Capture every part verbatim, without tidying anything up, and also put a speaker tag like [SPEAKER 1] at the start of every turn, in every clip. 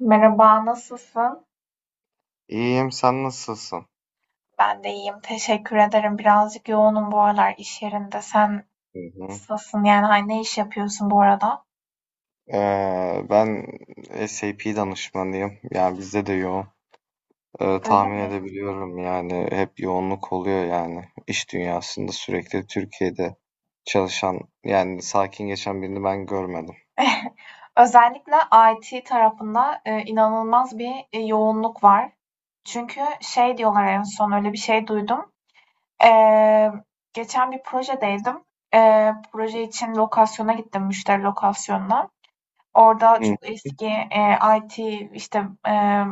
[SPEAKER 1] Merhaba, nasılsın?
[SPEAKER 2] İyiyim, sen nasılsın?
[SPEAKER 1] Ben de iyiyim, teşekkür ederim. Birazcık yoğunum bu aralar iş yerinde. Sen
[SPEAKER 2] Hı hı.
[SPEAKER 1] nasılsın? Yani hani ne iş yapıyorsun bu arada?
[SPEAKER 2] Ee, ben SAP danışmanıyım. Yani bizde de yoğun. Ee,
[SPEAKER 1] Öyle
[SPEAKER 2] tahmin
[SPEAKER 1] mi?
[SPEAKER 2] edebiliyorum yani hep yoğunluk oluyor yani. İş dünyasında sürekli Türkiye'de çalışan yani sakin geçen birini ben görmedim.
[SPEAKER 1] Özellikle I T tarafında e, inanılmaz bir e, yoğunluk var. Çünkü şey diyorlar, en son öyle bir şey duydum. Eee, geçen bir projedeydim. Eee, proje için lokasyona gittim, müşteri lokasyonuna. Orada
[SPEAKER 2] Hı.
[SPEAKER 1] çok eski e, I T işte e,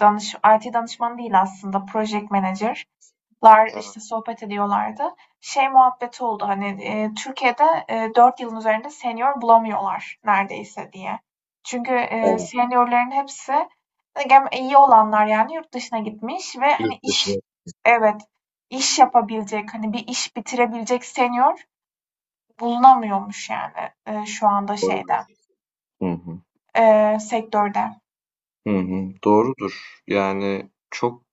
[SPEAKER 1] danış I T danışmanı değil aslında, project manager'lar
[SPEAKER 2] Evet.
[SPEAKER 1] işte sohbet ediyorlardı. Şey muhabbeti oldu hani, e, Türkiye'de e, dört yılın üzerinde senior bulamıyorlar neredeyse diye. Çünkü e,
[SPEAKER 2] Evet.
[SPEAKER 1] seniorların hepsi gem- iyi olanlar yani yurt dışına gitmiş, ve hani
[SPEAKER 2] Yurt
[SPEAKER 1] iş,
[SPEAKER 2] dışına
[SPEAKER 1] evet, iş yapabilecek, hani bir iş bitirebilecek senior bulunamıyormuş yani e, şu anda
[SPEAKER 2] doğru.
[SPEAKER 1] şeyde,
[SPEAKER 2] Hı hı.
[SPEAKER 1] e, sektörde.
[SPEAKER 2] Hı hı. Doğrudur. Yani çok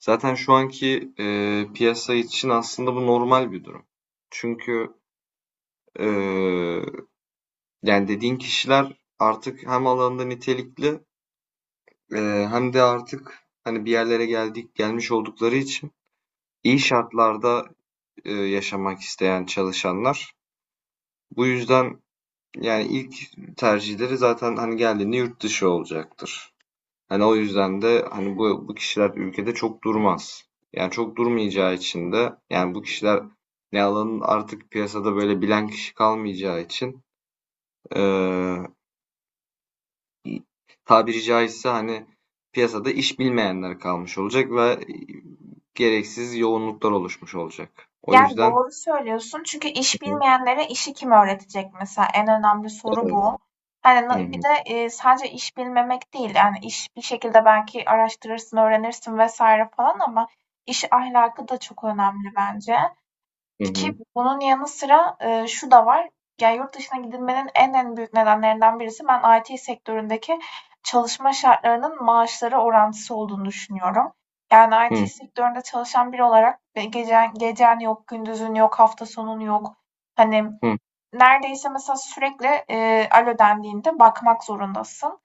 [SPEAKER 2] Zaten şu anki, eee, piyasa için aslında bu normal bir durum. Çünkü, eee, yani dediğin kişiler artık hem alanında nitelikli, eee, hem de artık hani bir yerlere geldik gelmiş oldukları için iyi şartlarda, eee, yaşamak isteyen çalışanlar. Bu yüzden yani ilk tercihleri zaten hani geldiğinde yurt dışı olacaktır. Hani o yüzden de hani bu bu kişiler ülkede çok durmaz. Yani çok durmayacağı için de yani bu kişiler ne alanın artık piyasada böyle bilen kişi kalmayacağı için eee, tabiri caizse hani piyasada iş bilmeyenler kalmış olacak ve gereksiz yoğunluklar oluşmuş olacak. O
[SPEAKER 1] Yani
[SPEAKER 2] yüzden
[SPEAKER 1] doğru söylüyorsun, çünkü iş bilmeyenlere işi kim öğretecek mesela, en önemli soru
[SPEAKER 2] evet.
[SPEAKER 1] bu. Hani
[SPEAKER 2] Hı
[SPEAKER 1] na- bir
[SPEAKER 2] hı,
[SPEAKER 1] de e, sadece iş bilmemek değil, yani iş bir şekilde belki araştırırsın, öğrenirsin vesaire falan, ama iş ahlakı da çok önemli bence.
[SPEAKER 2] hı hı,
[SPEAKER 1] Ki bunun yanı sıra, eee, şu da var. Yani yurt dışına gidilmenin en en büyük nedenlerinden birisi, ben I T sektöründeki çalışma şartlarının maaşlara orantısı olduğunu düşünüyorum. Yani I T
[SPEAKER 2] hı
[SPEAKER 1] sektöründe çalışan biri olarak ve gecen gecen yok, gündüzün yok, hafta sonun yok. Hani
[SPEAKER 2] hı.
[SPEAKER 1] neredeyse mesela sürekli, eee, alo dendiğinde bakmak zorundasın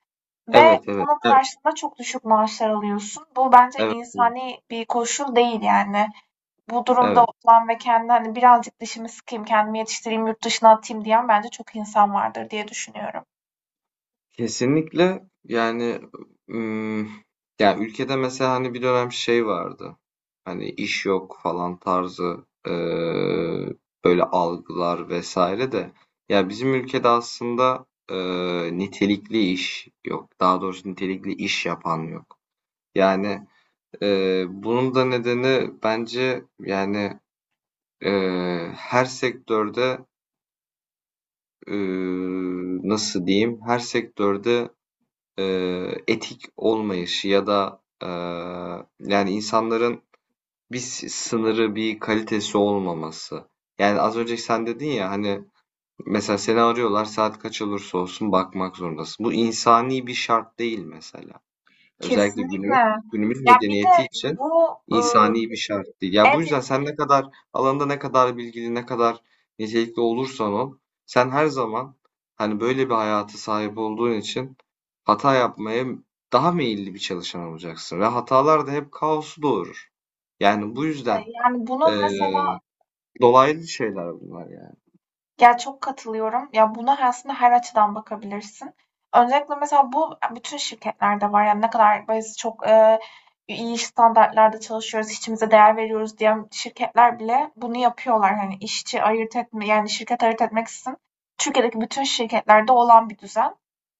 [SPEAKER 1] ve
[SPEAKER 2] Evet, evet.
[SPEAKER 1] bunun
[SPEAKER 2] E,
[SPEAKER 1] karşılığında çok düşük maaşlar alıyorsun. Bu bence
[SPEAKER 2] Evet, evet.
[SPEAKER 1] insani bir koşul değil yani. Bu durumda
[SPEAKER 2] Evet.
[SPEAKER 1] olan ve kendini, hani, birazcık dişimi sıkayım, kendimi yetiştireyim, yurt dışına atayım diyen bence çok insan vardır diye düşünüyorum.
[SPEAKER 2] Kesinlikle yani ım, ya ülkede mesela hani bir dönem şey vardı. Hani iş yok falan tarzı eee, böyle algılar vesaire de ya bizim ülkede aslında eee, nitelikli iş yok. Daha doğrusu nitelikli iş yapan yok. Yani eee, bunun da nedeni bence yani eee, her sektörde eee, nasıl diyeyim her sektörde eee, etik olmayışı ya da eee, yani insanların bir sınırı, bir kalitesi olmaması. Yani az önce sen dedin ya hani mesela seni arıyorlar saat kaç olursa olsun bakmak zorundasın. Bu insani bir şart değil mesela. Özellikle günümüz,
[SPEAKER 1] Kesinlikle.
[SPEAKER 2] günümüz
[SPEAKER 1] Ya, bir
[SPEAKER 2] medeniyeti
[SPEAKER 1] de
[SPEAKER 2] için
[SPEAKER 1] bu, ııı,
[SPEAKER 2] insani bir şart değil. Ya bu
[SPEAKER 1] evet,
[SPEAKER 2] yüzden sen ne kadar alanda ne kadar bilgili, ne kadar nitelikli olursan ol, sen her zaman hani böyle bir hayata sahip olduğun için hata yapmaya daha meyilli bir çalışan olacaksın ve hatalar da hep kaosu doğurur. Yani bu
[SPEAKER 1] de,
[SPEAKER 2] yüzden
[SPEAKER 1] yani, bunun
[SPEAKER 2] eee,
[SPEAKER 1] mesela...
[SPEAKER 2] dolaylı şeyler bunlar yani.
[SPEAKER 1] Ya, çok katılıyorum. Ya, buna aslında her açıdan bakabilirsin. Öncelikle mesela bu bütün şirketlerde var. Yani ne kadar biz çok, eee, iyi standartlarda çalışıyoruz, işçimize değer veriyoruz diyen şirketler bile bunu yapıyorlar. Hani işçi ayırt etme, yani şirket ayırt etmeksizin Türkiye'deki bütün şirketlerde olan bir düzen.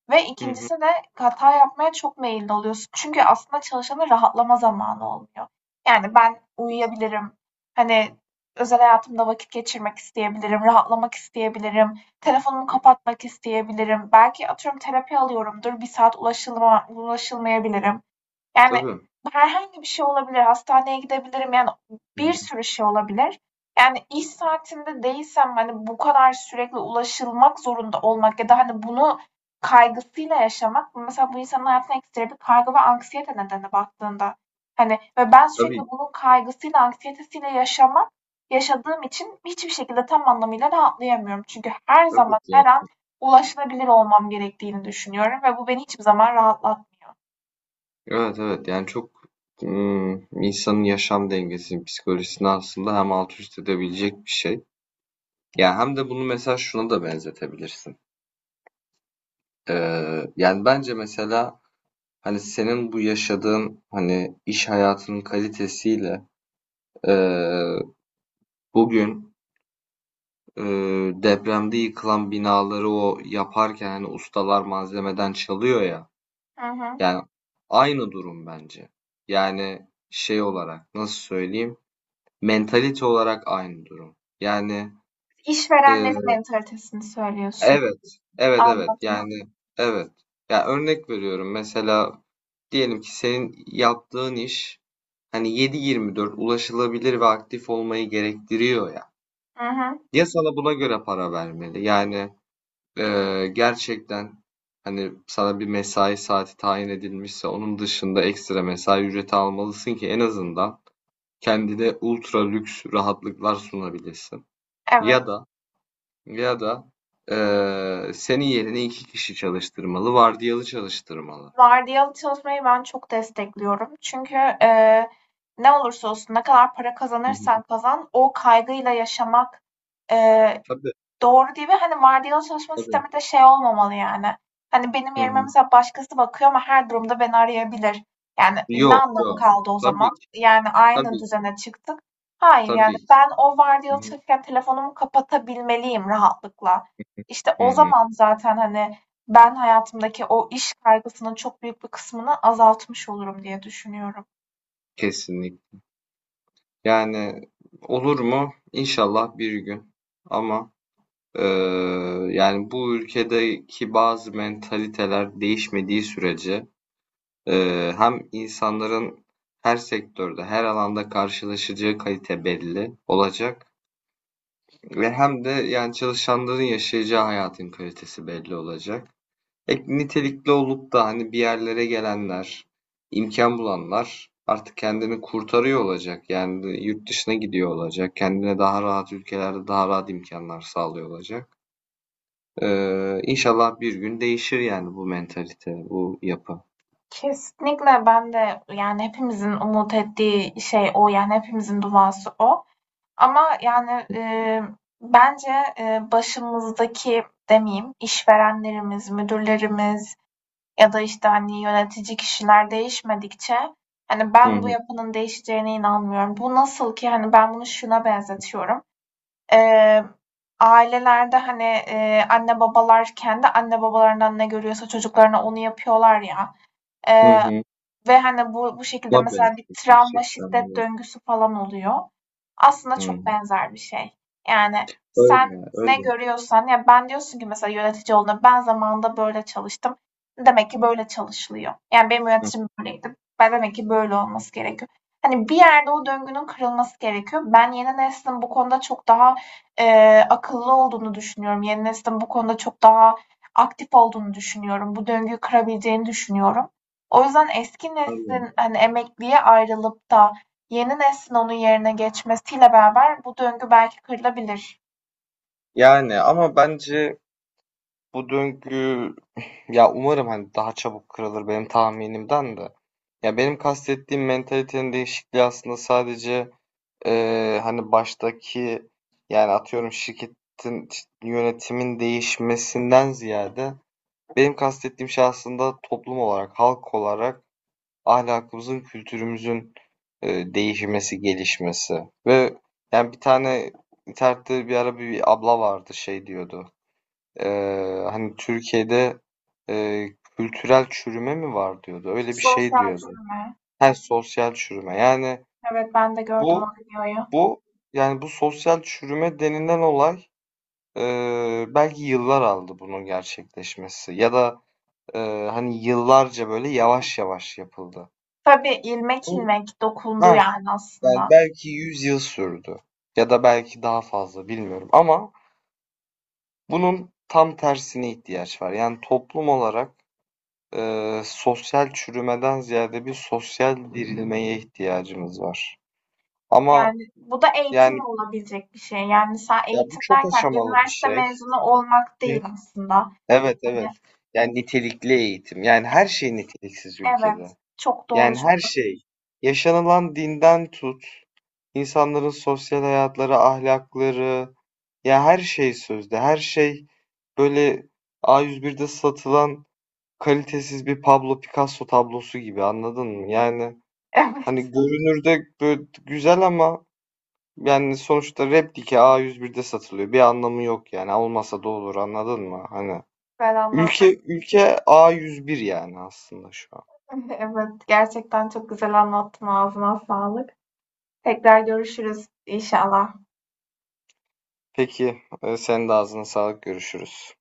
[SPEAKER 1] Ve
[SPEAKER 2] Hı hı.
[SPEAKER 1] ikincisi de hata yapmaya çok meyilli oluyorsun. Çünkü aslında çalışanın rahatlama zamanı olmuyor. Yani ben uyuyabilirim. Hani özel hayatımda vakit geçirmek isteyebilirim, rahatlamak isteyebilirim, telefonumu kapatmak isteyebilirim. Belki atıyorum terapi alıyorumdur, bir saat ulaşılma, ulaşılmayabilirim. Yani
[SPEAKER 2] Tabii.
[SPEAKER 1] herhangi bir şey olabilir, hastaneye gidebilirim, yani
[SPEAKER 2] Hı
[SPEAKER 1] bir
[SPEAKER 2] hı.
[SPEAKER 1] sürü şey olabilir. Yani iş saatinde değilsem, hani bu kadar sürekli ulaşılmak zorunda olmak ya da hani bunu kaygısıyla yaşamak, mesela bu insanın hayatına ekstra bir kaygı ve anksiyete nedeni baktığında. Hani ve ben sürekli
[SPEAKER 2] Tabii.
[SPEAKER 1] bunun kaygısıyla, anksiyetesiyle yaşamak yaşadığım için hiçbir şekilde tam anlamıyla rahatlayamıyorum. Çünkü her
[SPEAKER 2] Tabii
[SPEAKER 1] zaman, her
[SPEAKER 2] ki.
[SPEAKER 1] an ulaşılabilir olmam gerektiğini düşünüyorum ve bu beni hiçbir zaman rahatlatmıyor.
[SPEAKER 2] Evet evet yani çok ım, insanın yaşam dengesini, psikolojisini aslında hem alt üst edebilecek bir şey. Yani hem de bunu mesela şuna da benzetebilirsin. Ee, yani bence mesela hani senin bu yaşadığın hani iş hayatının kalitesiyle ee, bugün ee, depremde yıkılan binaları o yaparken hani ustalar malzemeden çalıyor ya.
[SPEAKER 1] Hı hı.
[SPEAKER 2] Yani aynı durum bence. Yani şey olarak nasıl söyleyeyim? Mentalite olarak aynı durum. Yani, eee,
[SPEAKER 1] İşverenlerin mentalitesini söylüyorsun.
[SPEAKER 2] evet, evet, evet.
[SPEAKER 1] Anladım.
[SPEAKER 2] Yani, evet. Ya, örnek veriyorum. Mesela diyelim ki senin yaptığın iş hani yedi yirmi dört ulaşılabilir ve aktif olmayı gerektiriyor ya.
[SPEAKER 1] Hı hı.
[SPEAKER 2] Ya sana buna göre para vermeli. Yani, eee, gerçekten hani sana bir mesai saati tayin edilmişse onun dışında ekstra mesai ücreti almalısın ki en azından kendine ultra lüks rahatlıklar sunabilesin. Ya
[SPEAKER 1] Evet.
[SPEAKER 2] da Ya da eee, senin yerine iki kişi çalıştırmalı, vardiyalı çalıştırmalı.
[SPEAKER 1] Vardiyalı çalışmayı ben çok destekliyorum. Çünkü eee, ne olursa olsun, ne kadar para
[SPEAKER 2] Hı
[SPEAKER 1] kazanırsan
[SPEAKER 2] hı.
[SPEAKER 1] kazan o kaygıyla yaşamak eee,
[SPEAKER 2] Tabii,
[SPEAKER 1] Doğru değil, ve hani vardiyalı çalışma
[SPEAKER 2] tabii.
[SPEAKER 1] sistemi de şey olmamalı yani. Hani benim
[SPEAKER 2] Hı
[SPEAKER 1] yerime
[SPEAKER 2] hı.
[SPEAKER 1] mesela başkası bakıyor ama her durumda beni arayabilir. Yani ne
[SPEAKER 2] Yok,
[SPEAKER 1] anlamı
[SPEAKER 2] yok.
[SPEAKER 1] kaldı o
[SPEAKER 2] Tabii
[SPEAKER 1] zaman?
[SPEAKER 2] ki,
[SPEAKER 1] Yani aynı
[SPEAKER 2] tabii ki,
[SPEAKER 1] düzene çıktık. Hayır, yani
[SPEAKER 2] tabii ki.
[SPEAKER 1] ben o
[SPEAKER 2] Hı
[SPEAKER 1] vardiyalı
[SPEAKER 2] hı.
[SPEAKER 1] çalışırken telefonumu kapatabilmeliyim rahatlıkla. İşte
[SPEAKER 2] Hı
[SPEAKER 1] o
[SPEAKER 2] hı.
[SPEAKER 1] zaman zaten, hani, ben hayatımdaki o iş kaygısının çok büyük bir kısmını azaltmış olurum diye düşünüyorum.
[SPEAKER 2] Kesinlikle. Yani olur mu? İnşallah bir gün. Ama eee, yani bu ülkedeki bazı mentaliteler değişmediği sürece eee, hem insanların her sektörde, her alanda karşılaşacağı kalite belli olacak. Ve hem de yani çalışanların yaşayacağı hayatın kalitesi belli olacak. E, nitelikli olup da hani bir yerlere gelenler, imkan bulanlar artık kendini kurtarıyor olacak. Yani yurt dışına gidiyor olacak. Kendine daha rahat ülkelerde daha rahat imkanlar sağlıyor olacak. Ee, inşallah bir gün değişir yani bu mentalite, bu yapı.
[SPEAKER 1] Kesinlikle, ben de yani hepimizin umut ettiği şey o, yani hepimizin duası o. Ama, yani, eee, bence, eee, başımızdaki demeyeyim, işverenlerimiz, müdürlerimiz ya da, işte, hani, yönetici kişiler değişmedikçe, hani,
[SPEAKER 2] Hı
[SPEAKER 1] ben bu
[SPEAKER 2] hı.
[SPEAKER 1] yapının değişeceğine inanmıyorum. Bu nasıl ki, hani, ben bunu şuna benzetiyorum: Eee, ailelerde, hani, eee, anne babalar kendi anne babalarından ne görüyorsa çocuklarına onu yapıyorlar ya.
[SPEAKER 2] Hı
[SPEAKER 1] Eee
[SPEAKER 2] hı.
[SPEAKER 1] ve, hani, bu bu şekilde
[SPEAKER 2] Tabii
[SPEAKER 1] mesela bir travma,
[SPEAKER 2] gerçekten.
[SPEAKER 1] şiddet
[SPEAKER 2] Öyle.
[SPEAKER 1] döngüsü falan oluyor. Aslında
[SPEAKER 2] Hı hı.
[SPEAKER 1] çok benzer bir şey. Yani, sen
[SPEAKER 2] Öyle,
[SPEAKER 1] ne
[SPEAKER 2] öyle.
[SPEAKER 1] görüyorsan ya, ben diyorsun ki mesela yönetici olduğunda, ben zamanında böyle çalıştım. Demek ki böyle çalışılıyor. Yani, benim
[SPEAKER 2] Hı,
[SPEAKER 1] yöneticim böyleydi. Ben demek ki böyle olması gerekiyor. Hani, bir yerde o döngünün kırılması gerekiyor. Ben yeni neslin bu konuda çok daha, eee, akıllı olduğunu düşünüyorum. Yeni neslin bu konuda çok daha aktif olduğunu düşünüyorum. Bu döngüyü kırabileceğini düşünüyorum. O yüzden eski
[SPEAKER 2] anlıyorum.
[SPEAKER 1] neslin, hani, emekliye ayrılıp da yeni neslin onun yerine geçmesiyle beraber bu döngü belki kırılabilir.
[SPEAKER 2] Yani ama bence bu döngü ya umarım hani daha çabuk kırılır benim tahminimden de. Ya benim kastettiğim mentalitenin değişikliği aslında sadece eee, hani baştaki yani atıyorum şirketin yönetimin değişmesinden ziyade benim kastettiğim şey aslında toplum olarak, halk olarak ahlakımızın, kültürümüzün eee, değişmesi, gelişmesi. Ve yani bir tane internette bir ara bir abla vardı şey diyordu. Eee, hani Türkiye'de eee, kültürel çürüme mi var diyordu. Öyle bir şey
[SPEAKER 1] Sosyal
[SPEAKER 2] diyordu.
[SPEAKER 1] çürüme.
[SPEAKER 2] Her sosyal çürüme. Yani
[SPEAKER 1] Evet, ben de gördüm o
[SPEAKER 2] bu
[SPEAKER 1] videoyu.
[SPEAKER 2] bu yani bu sosyal çürüme denilen olay eee, belki yıllar aldı bunun gerçekleşmesi ya da eee, hani yıllarca böyle yavaş yavaş yapıldı.
[SPEAKER 1] Tabii, ilmek
[SPEAKER 2] Bu-
[SPEAKER 1] ilmek dokundu
[SPEAKER 2] Ha,
[SPEAKER 1] yani
[SPEAKER 2] yani
[SPEAKER 1] aslında.
[SPEAKER 2] belki yüz yıl sürdü ya da belki daha fazla bilmiyorum ama bunun tam tersine ihtiyaç var. Yani toplum olarak eee, sosyal çürümeden ziyade bir sosyal dirilmeye ihtiyacımız var. Ama
[SPEAKER 1] Yani bu da eğitimle
[SPEAKER 2] yani
[SPEAKER 1] olabilecek bir şey. Yani sen
[SPEAKER 2] ya bu
[SPEAKER 1] eğitim
[SPEAKER 2] çok
[SPEAKER 1] derken
[SPEAKER 2] aşamalı bir
[SPEAKER 1] üniversite
[SPEAKER 2] şey.
[SPEAKER 1] mezunu olmak
[SPEAKER 2] Hı.
[SPEAKER 1] değil aslında.
[SPEAKER 2] Evet evet.
[SPEAKER 1] Hani
[SPEAKER 2] Yani nitelikli eğitim. Yani her şey niteliksiz
[SPEAKER 1] evet,
[SPEAKER 2] ülkede.
[SPEAKER 1] çok doğru.
[SPEAKER 2] Yani
[SPEAKER 1] Çok
[SPEAKER 2] her şey. Yaşanılan dinden tut, insanların sosyal hayatları, ahlakları, ya her şey sözde. Her şey böyle a yüz birde satılan kalitesiz bir Pablo Picasso tablosu gibi anladın mı? Yani hani
[SPEAKER 1] Evet,
[SPEAKER 2] görünürde böyle güzel ama yani sonuçta replike a yüz birde satılıyor. Bir anlamı yok yani. Olmasa da olur anladın mı? Hani
[SPEAKER 1] güzel
[SPEAKER 2] ülke
[SPEAKER 1] anlattın.
[SPEAKER 2] ülke a yüz bir yani aslında şu an.
[SPEAKER 1] Evet, gerçekten çok güzel anlattın. Ağzına sağlık. Tekrar görüşürüz inşallah.
[SPEAKER 2] Peki e, senin de ağzına sağlık görüşürüz.